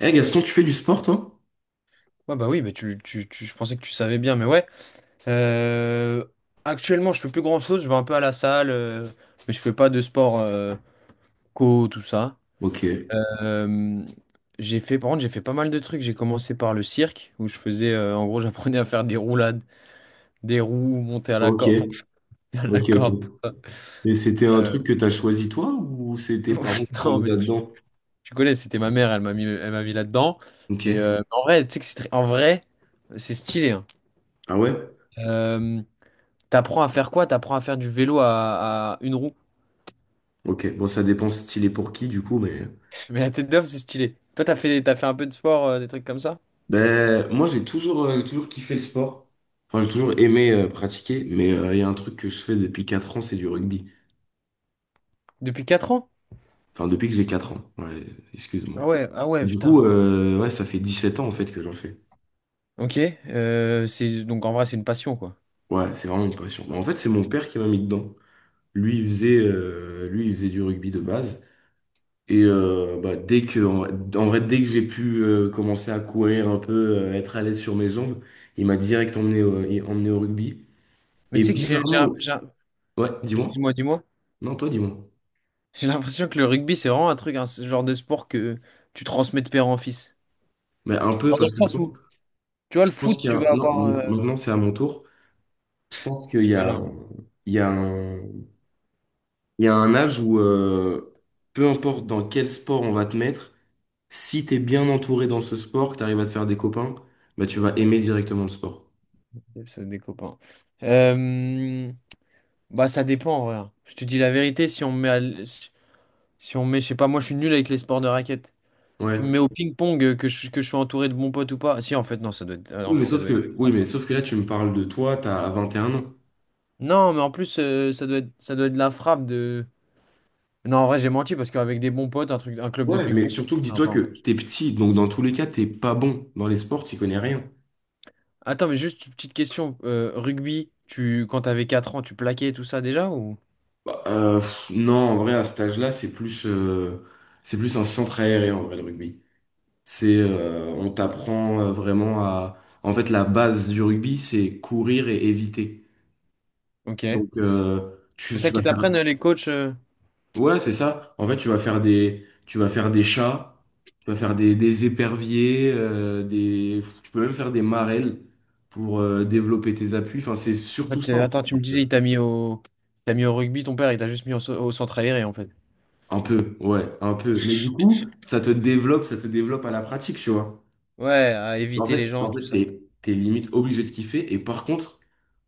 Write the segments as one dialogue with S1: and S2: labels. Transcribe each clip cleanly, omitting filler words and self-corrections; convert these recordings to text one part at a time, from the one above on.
S1: Eh Gaston, tu fais du sport, toi?
S2: Ouais, bah oui, mais je pensais que tu savais bien, mais ouais. Euh, Actuellement, je fais plus grand-chose, je vais un peu à la salle, mais je fais pas de sport tout ça.
S1: Ok,
S2: Euh, j'ai fait, par contre, j'ai fait pas mal de trucs. J'ai commencé par le cirque, où je faisais, en gros, j'apprenais à faire des roulades, des roues, monter à la
S1: ok,
S2: corde, enfin, à la
S1: ok, ok.
S2: corde.
S1: Et c'était un
S2: Euh,
S1: truc que t'as choisi toi ou c'est tes parents qui t'ont
S2: non,
S1: mis
S2: mais
S1: là-dedans?
S2: tu connais, c'était ma mère, elle m'a mis là-dedans. Et
S1: Ok.
S2: en vrai, tu sais que en vrai, c'est stylé, hein.
S1: Ah ouais?
S2: Euh, T'apprends à faire quoi? T'apprends à faire du vélo à une roue.
S1: Ok. Bon, ça dépend style et pour qui, du coup, mais.
S2: Mais la tête d'homme, c'est stylé. Toi, t'as fait un peu de sport, des trucs comme ça?
S1: Ben, moi, j'ai toujours kiffé le sport. Enfin, j'ai toujours aimé pratiquer, mais il y a un truc que je fais depuis 4 ans, c'est du rugby.
S2: Depuis 4 ans?
S1: Enfin, depuis que j'ai 4 ans. Ouais, excuse-moi.
S2: Ah ouais, ah
S1: Et
S2: ouais,
S1: du coup,
S2: putain.
S1: ouais, ça fait 17 ans, en fait, que j'en fais.
S2: Ok. Euh, c'est, donc en vrai, c'est une passion, quoi.
S1: Ouais, c'est vraiment une passion. Ben, en fait, c'est mon père qui m'a mis dedans. Lui, il faisait du rugby de base. Et bah, dès que, en, en vrai, dès que j'ai pu commencer à courir un peu, être à l'aise sur mes jambes, il m'a direct emmené au rugby.
S2: Mais
S1: Et
S2: tu sais que
S1: bizarrement, ouais, dis-moi.
S2: excuse-moi, dis-moi.
S1: Non, toi, dis-moi.
S2: J'ai l'impression que le rugby, c'est vraiment un truc, un ce genre de sport que tu transmets de père en fils.
S1: Mais un peu
S2: Genre dans
S1: parce
S2: le
S1: que je
S2: sens
S1: pense,
S2: où, tu vois,
S1: je
S2: le
S1: pense
S2: foot,
S1: qu'il y
S2: tu
S1: a,
S2: vas
S1: non,
S2: avoir,
S1: maintenant c'est à mon tour. Je pense
S2: je
S1: qu'il
S2: suis
S1: y a,
S2: malin, moi.
S1: il y a un, il y a un âge où, peu importe dans quel sport on va te mettre, si t'es bien entouré dans ce sport, que t'arrives à te faire des copains, bah tu vas aimer directement le sport.
S2: C'est des copains. Euh, Bah, ça dépend, en vrai, hein. Je te dis la vérité, si on me met à, l- si on met, je sais pas, moi je suis nul avec les sports de raquettes. Tu me
S1: Ouais.
S2: mets au ping-pong, que que je sois entouré de bons potes ou pas. Si, en fait, non, ça doit être,
S1: Oui,
S2: en
S1: mais
S2: fait, ça
S1: sauf
S2: doit être la
S1: que, oui,
S2: frappe.
S1: mais sauf que là, tu me parles de toi, t'as 21 ans.
S2: Non, mais en plus, ça doit être la frappe de. Non, en vrai, j'ai menti parce qu'avec des bons potes, un truc, un club de
S1: Ouais, mais
S2: ping-pong,
S1: surtout que
S2: c'est
S1: dis-toi
S2: sympa
S1: que
S2: en plus.
S1: t'es petit, donc dans tous les cas, t'es pas bon. Dans les sports, t'y connais rien.
S2: Attends, mais juste une petite question. Euh, rugby, tu, quand t'avais 4 ans, tu plaquais tout ça déjà ou?
S1: Bah, pff, non, en vrai, à cet âge-là, c'est plus un centre aéré, en vrai, le rugby. On t'apprend vraiment à, en fait, la base du rugby, c'est courir et éviter.
S2: Ok.
S1: Donc,
S2: C'est
S1: tu
S2: ça
S1: vas
S2: qu'ils
S1: faire.
S2: t'apprennent, les coachs.
S1: Ouais, c'est ça. En fait, tu vas faire des chats, tu vas faire des éperviers, tu peux même faire des marelles pour développer tes appuis. Enfin, c'est
S2: En
S1: surtout
S2: fait,
S1: ça, en
S2: attends, tu me
S1: fait.
S2: disais, il t'a mis au rugby, ton père, il t'a juste mis au centre aéré en fait.
S1: Un peu, ouais, un peu. Mais du coup, ça te développe à la pratique, tu vois.
S2: Ouais, à
S1: En
S2: éviter les
S1: fait,
S2: gens,
S1: en
S2: tout
S1: fait,
S2: ça.
S1: t'es limite obligé de kiffer. Et par contre,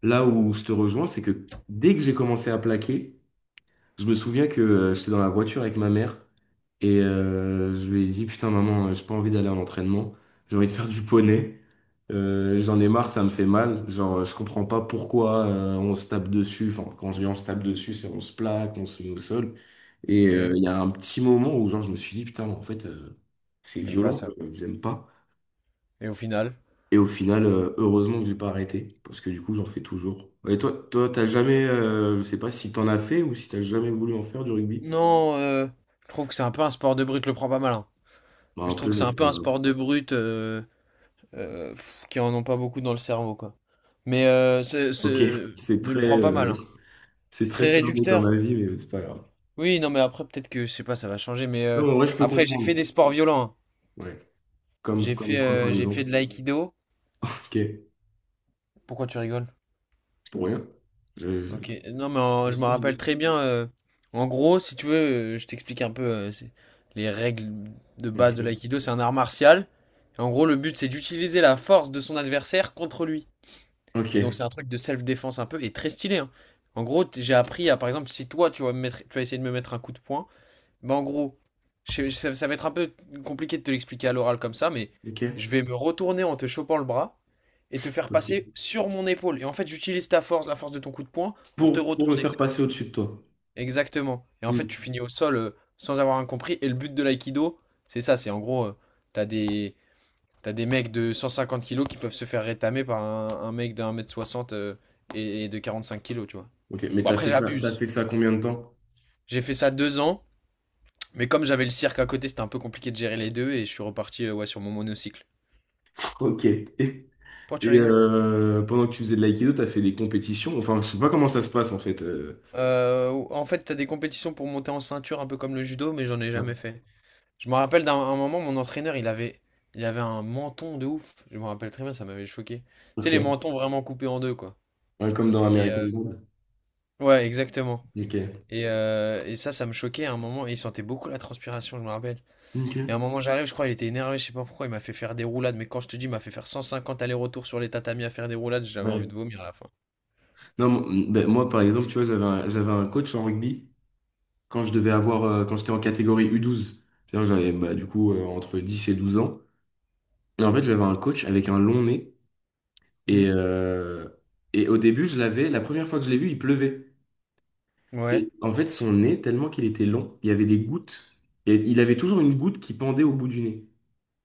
S1: là où je te rejoins, c'est que dès que j'ai commencé à plaquer, je me souviens que j'étais dans la voiture avec ma mère et je lui ai dit, putain maman, j'ai pas envie d'aller en entraînement, j'ai envie de faire du poney. J'en ai marre, ça me fait mal. Genre, je comprends pas pourquoi on se tape dessus. Enfin, quand je dis on se tape dessus, c'est on se plaque, on se met au sol. Et
S2: Ok.
S1: il y a un petit moment où genre je me suis dit, putain, en fait, c'est
S2: T'aimes pas
S1: violent,
S2: ça,
S1: quoi,
S2: quoi.
S1: j'aime pas.
S2: Et au final,
S1: Et au final, heureusement que j'ai pas arrêté, parce que du coup, j'en fais toujours. Et toi, t'as jamais, je sais pas si t'en as fait ou si t'as jamais voulu en faire du rugby.
S2: non, je trouve que c'est un peu un sport de brute, le prends pas mal, hein.
S1: Bah, un
S2: Je trouve
S1: peu,
S2: que c'est
S1: mais
S2: un
S1: c'est
S2: peu
S1: pas
S2: un
S1: grave.
S2: sport de brute, qui en ont pas beaucoup dans le cerveau, quoi. Mais c'est-
S1: Ok, c'est
S2: ne le
S1: très,
S2: prends pas mal,
S1: euh,
S2: hein.
S1: c'est
S2: C'est
S1: très
S2: très
S1: fermé comme
S2: réducteur.
S1: avis, mais c'est pas grave.
S2: Oui, non, mais après, peut-être que, je sais pas, ça va changer. Mais
S1: Non, en vrai, je peux
S2: après, j'ai fait
S1: comprendre.
S2: des sports violents, hein.
S1: Ouais. Comme, comme quoi, par
S2: J'ai
S1: exemple?
S2: fait de l'aïkido.
S1: Ok,
S2: Pourquoi tu rigoles?
S1: pour rien. Je
S2: Ok, non,
S1: me
S2: je
S1: suis
S2: me
S1: dit.
S2: rappelle très bien. Euh, en gros, si tu veux, je t'explique un peu, les règles de base de
S1: Ok,
S2: l'aïkido. C'est un art martial. Et en gros, le but c'est d'utiliser la force de son adversaire contre lui. Et donc c'est
S1: ok,
S2: un truc de self-défense un peu et très stylé, hein. En gros, j'ai appris à, par exemple, si toi tu vas me mettre, tu vas essayer de me mettre un coup de poing, bah en gros, ça, ça va être un peu compliqué de te l'expliquer à l'oral comme ça, mais
S1: ok.
S2: je vais me retourner en te chopant le bras et te faire passer
S1: Ok.
S2: sur mon épaule. Et en fait, j'utilise ta force, la force de ton coup de poing, pour te
S1: Pour me
S2: retourner.
S1: faire passer au-dessus de toi.
S2: Exactement. Et en fait, tu
S1: Hmm.
S2: finis au sol, sans avoir rien compris, et le but de l'aïkido, c'est ça, c'est en gros, tu des t'as des mecs de 150 kilos qui peuvent se faire rétamer par un mec de 1 mètre 60, et de 45 kilos, tu vois?
S1: Ok, mais
S2: Bon,
S1: t'as
S2: après
S1: fait ça, t'as
S2: j'abuse.
S1: fait ça combien de temps?
S2: J'ai fait ça 2 ans, mais comme j'avais le cirque à côté, c'était un peu compliqué de gérer les 2, et je suis reparti, ouais, sur mon monocycle.
S1: Ok. Et,
S2: Pourquoi tu
S1: et,
S2: rigoles?
S1: euh, pendant que tu faisais de l'aïkido, t'as fait des compétitions. Enfin, je sais pas comment ça se passe en fait.
S2: En fait, t'as des compétitions pour monter en ceinture un peu comme le judo, mais j'en ai
S1: Ouais.
S2: jamais fait. Je me rappelle d'un un moment, mon entraîneur, il avait un menton de ouf. Je me rappelle très bien, ça m'avait choqué. Tu sais,
S1: Ok.
S2: les mentons vraiment coupés en deux, quoi.
S1: Ouais, comme dans
S2: Et
S1: American Dad.
S2: ouais, exactement.
S1: Ok.
S2: Et ça, ça me choquait à un moment. Et il sentait beaucoup la transpiration, je me rappelle. Et à un
S1: Ok.
S2: moment, j'arrive, je crois, il était énervé, je sais pas pourquoi, il m'a fait faire des roulades. Mais quand je te dis, il m'a fait faire 150 allers-retours sur les tatamis à faire des roulades, j'avais envie de
S1: Ouais.
S2: vomir à la fin.
S1: Non, ben, moi, par exemple, tu vois, j'avais un coach en rugby quand je devais avoir, quand j'étais en catégorie U12. C'est-à-dire, j'avais, bah, du coup, entre 10 et 12 ans. Et en fait, j'avais un coach avec un long nez. Et,
S2: Mhm.
S1: euh, et au début, je l'avais, la première fois que je l'ai vu, il pleuvait. Et
S2: Ouais.
S1: en fait, son nez, tellement qu'il était long, il y avait des gouttes. Et il avait toujours une goutte qui pendait au bout du nez.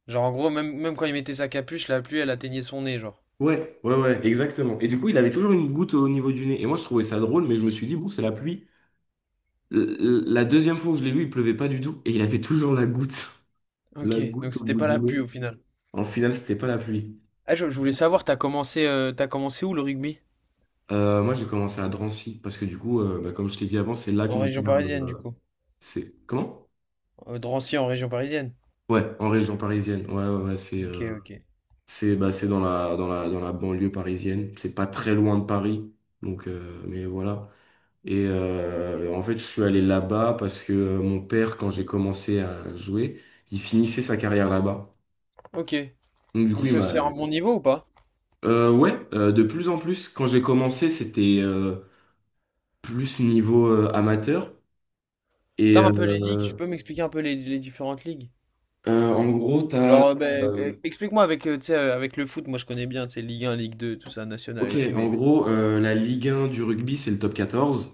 S2: Genre, en gros, même, même quand il mettait sa capuche, la pluie, elle atteignait son nez, genre.
S1: Ouais, ouais, ouais, exactement. Et du coup, il avait toujours une goutte au niveau du nez. Et moi, je trouvais ça drôle, mais je me suis dit, bon, c'est la pluie. La deuxième fois où je l'ai vu, il pleuvait pas du tout et il avait toujours la goutte. La
S2: Ok, donc
S1: goutte au
S2: c'était
S1: bout
S2: pas
S1: du
S2: la
S1: nez.
S2: pluie au final.
S1: En finale, c'était pas la pluie.
S2: Ah, je voulais savoir, t'as commencé où le rugby?
S1: Moi, j'ai commencé à Drancy parce que du coup, bah, comme je t'ai dit avant, c'est là que
S2: En
S1: mon père,
S2: région parisienne, du coup.
S1: c'est comment?
S2: Drancy en région parisienne.
S1: Ouais, en région parisienne. Ouais, ouais, ouais, c'est
S2: Ok,
S1: euh,
S2: ok.
S1: c'est bah, c'est dans la banlieue parisienne. C'est pas très loin de Paris, donc mais voilà. Et en fait, je suis allé là-bas parce que mon père, quand j'ai commencé à jouer, il finissait sa carrière là-bas.
S2: Ok.
S1: Donc du
S2: Et
S1: coup, il
S2: se
S1: m'a
S2: c'est un bon niveau ou pas?
S1: ouais, de plus en plus. Quand j'ai commencé, c'était plus niveau amateur. Et
S2: T'as un peu les ligues, je peux m'expliquer un peu les différentes ligues?
S1: en gros, t'as...
S2: Genre,
S1: euh,
S2: explique-moi avec, tu sais, avec le foot, moi je connais bien, tu sais, Ligue 1, Ligue 2, tout ça, national
S1: ok,
S2: et tout,
S1: en
S2: mais...
S1: gros, la Ligue 1 du rugby, c'est le top 14.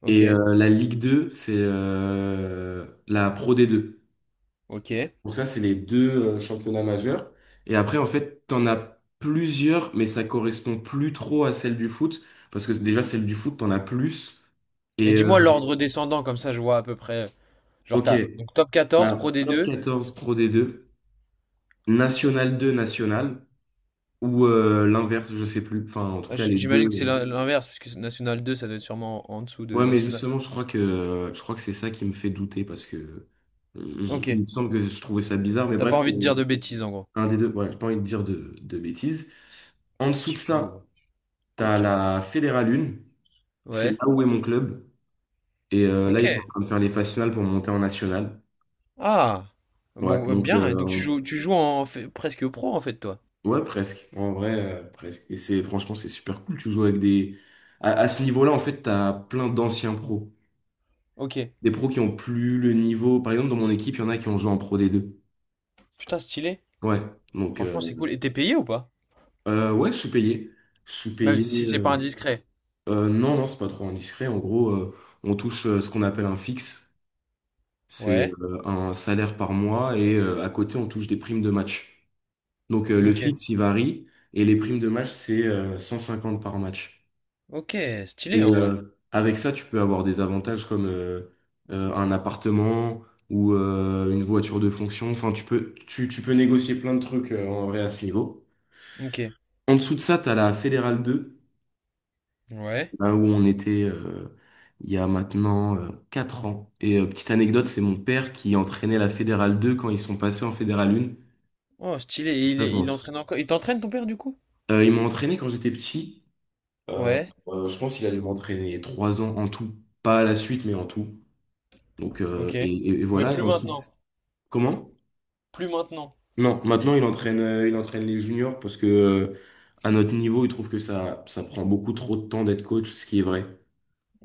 S2: Ok,
S1: Et la Ligue 2 c'est la Pro D2.
S2: ok.
S1: Donc ça, c'est les deux championnats majeurs. Et après, en fait, t'en as plusieurs, mais ça correspond plus trop à celle du foot. Parce que déjà, celle du foot, t'en as plus.
S2: Mais
S1: Et
S2: dis-moi l'ordre descendant, comme ça je vois à peu près... Genre
S1: ok,
S2: t'as, donc Top 14
S1: t'as
S2: Pro
S1: top
S2: D2.
S1: quatorze Pro D2, National 2, National. Ou l'inverse, je sais plus. Enfin, en tout
S2: Ah,
S1: cas, les deux.
S2: j'imagine que c'est l'inverse, parce que National 2, ça doit être sûrement en dessous de
S1: Ouais, mais
S2: National.
S1: justement, je crois que c'est ça qui me fait douter parce que
S2: Ok,
S1: il me semble que je trouvais ça bizarre, mais
S2: t'as
S1: bref,
S2: pas
S1: c'est
S2: envie de dire de bêtises en gros.
S1: un des deux. Voilà, j'ai pas envie de dire de bêtises. En dessous
S2: Petit
S1: de
S2: filou,
S1: ça,
S2: hein.
S1: t'as
S2: Coquin.
S1: la Fédérale 1. C'est
S2: Ouais,
S1: là où est mon club. Et là, ils sont en
S2: ok.
S1: train de faire les phases finales pour monter en national.
S2: Ah!
S1: Ouais,
S2: Bon,
S1: donc
S2: bien. Donc tu joues, tu joues presque pro en fait, toi.
S1: ouais, presque. En vrai, presque. Et c'est franchement, c'est super cool. Tu joues avec des. À ce niveau-là, en fait, t'as plein d'anciens pros.
S2: Ok.
S1: Des pros qui ont plus le niveau. Par exemple, dans mon équipe, il y en a qui ont joué en Pro D2.
S2: Putain, stylé.
S1: Ouais. Donc,
S2: Franchement, c'est cool. Et t'es payé ou pas?
S1: ouais, je suis payé. Je suis
S2: Même
S1: payé.
S2: si c'est pas
S1: euh,
S2: indiscret.
S1: euh, non, non, c'est pas trop indiscret. En gros, on touche ce qu'on appelle un fixe. C'est
S2: Ouais.
S1: un salaire par mois et à côté, on touche des primes de match. Donc, le
S2: Ok.
S1: fixe, il varie et les primes de match, c'est 150 par match.
S2: Ok, stylé
S1: Et
S2: en vrai.
S1: avec ça, tu peux avoir des avantages comme un appartement ou une voiture de fonction. Enfin, tu peux négocier plein de trucs en vrai à ce niveau.
S2: Ok.
S1: En dessous de ça, tu as la Fédérale 2,
S2: Ouais.
S1: là où on était il y a maintenant 4 ans. Et petite anecdote, c'est mon père qui entraînait la Fédérale 2 quand ils sont passés en Fédérale 1.
S2: Oh, stylé. Et
S1: Ça, je m'en
S2: il
S1: sou-
S2: entraîne encore. Il t'entraîne, ton père, du coup?
S1: Ils m'ont entraîné quand j'étais petit. Euh,
S2: Ouais.
S1: je pense qu'il a dû m'entraîner 3 ans en tout. Pas à la suite, mais en tout. Donc,
S2: Ok.
S1: et
S2: Mais
S1: voilà. Et
S2: plus
S1: en dessous.
S2: maintenant.
S1: Comment?
S2: Plus maintenant.
S1: Non, maintenant il entraîne les juniors parce que à notre niveau, il trouve que ça prend beaucoup trop de temps d'être coach, ce qui est vrai.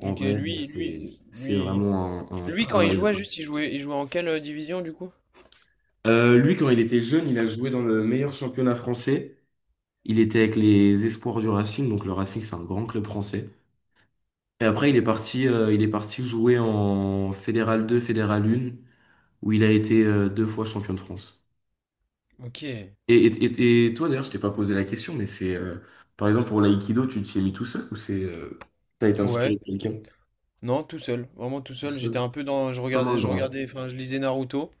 S1: En vrai, c'est vraiment un
S2: Lui, quand il
S1: travail.
S2: jouait, juste, il jouait en quelle division du coup?
S1: Lui, quand il était jeune, il a joué dans le meilleur championnat français. Il était avec les Espoirs du Racing, donc le Racing, c'est un grand club français. Et après, il est parti jouer en Fédéral 2, Fédéral 1, où il a été deux fois champion de France.
S2: Ok.
S1: Et toi, d'ailleurs, je t'ai pas posé la question, mais c'est, par exemple, pour l'aïkido, tu t'y es mis tout seul ou c'est, t'as été
S2: Ouais.
S1: inspiré de quelqu'un
S2: Non, tout seul. Vraiment tout
S1: tout
S2: seul. J'étais
S1: seul?
S2: un peu dans.
S1: Comme un
S2: Je
S1: grand.
S2: regardais, enfin, je lisais Naruto.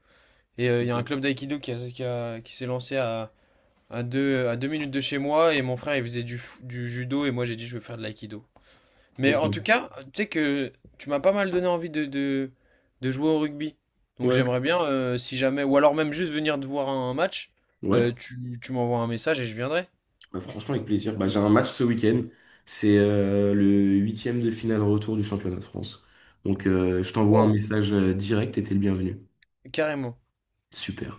S2: Et il y a un
S1: Ok.
S2: club d'aïkido qui s'est lancé à 2 minutes de chez moi. Et mon frère, il faisait du judo. Et moi, j'ai dit, je veux faire de l'aïkido. Mais
S1: Ok.
S2: en tout cas, tu sais que tu m'as pas mal donné envie de jouer au rugby. Donc
S1: Ouais.
S2: j'aimerais bien, si jamais, ou alors même juste venir te voir un match,
S1: Ouais.
S2: tu m'envoies un message et je viendrai.
S1: Bah, franchement, avec plaisir. Bah, j'ai un match ce week-end. C'est le huitième de finale retour du championnat de France. Donc, je t'envoie un
S2: Wow.
S1: message direct et t'es le bienvenu.
S2: Carrément.
S1: Super.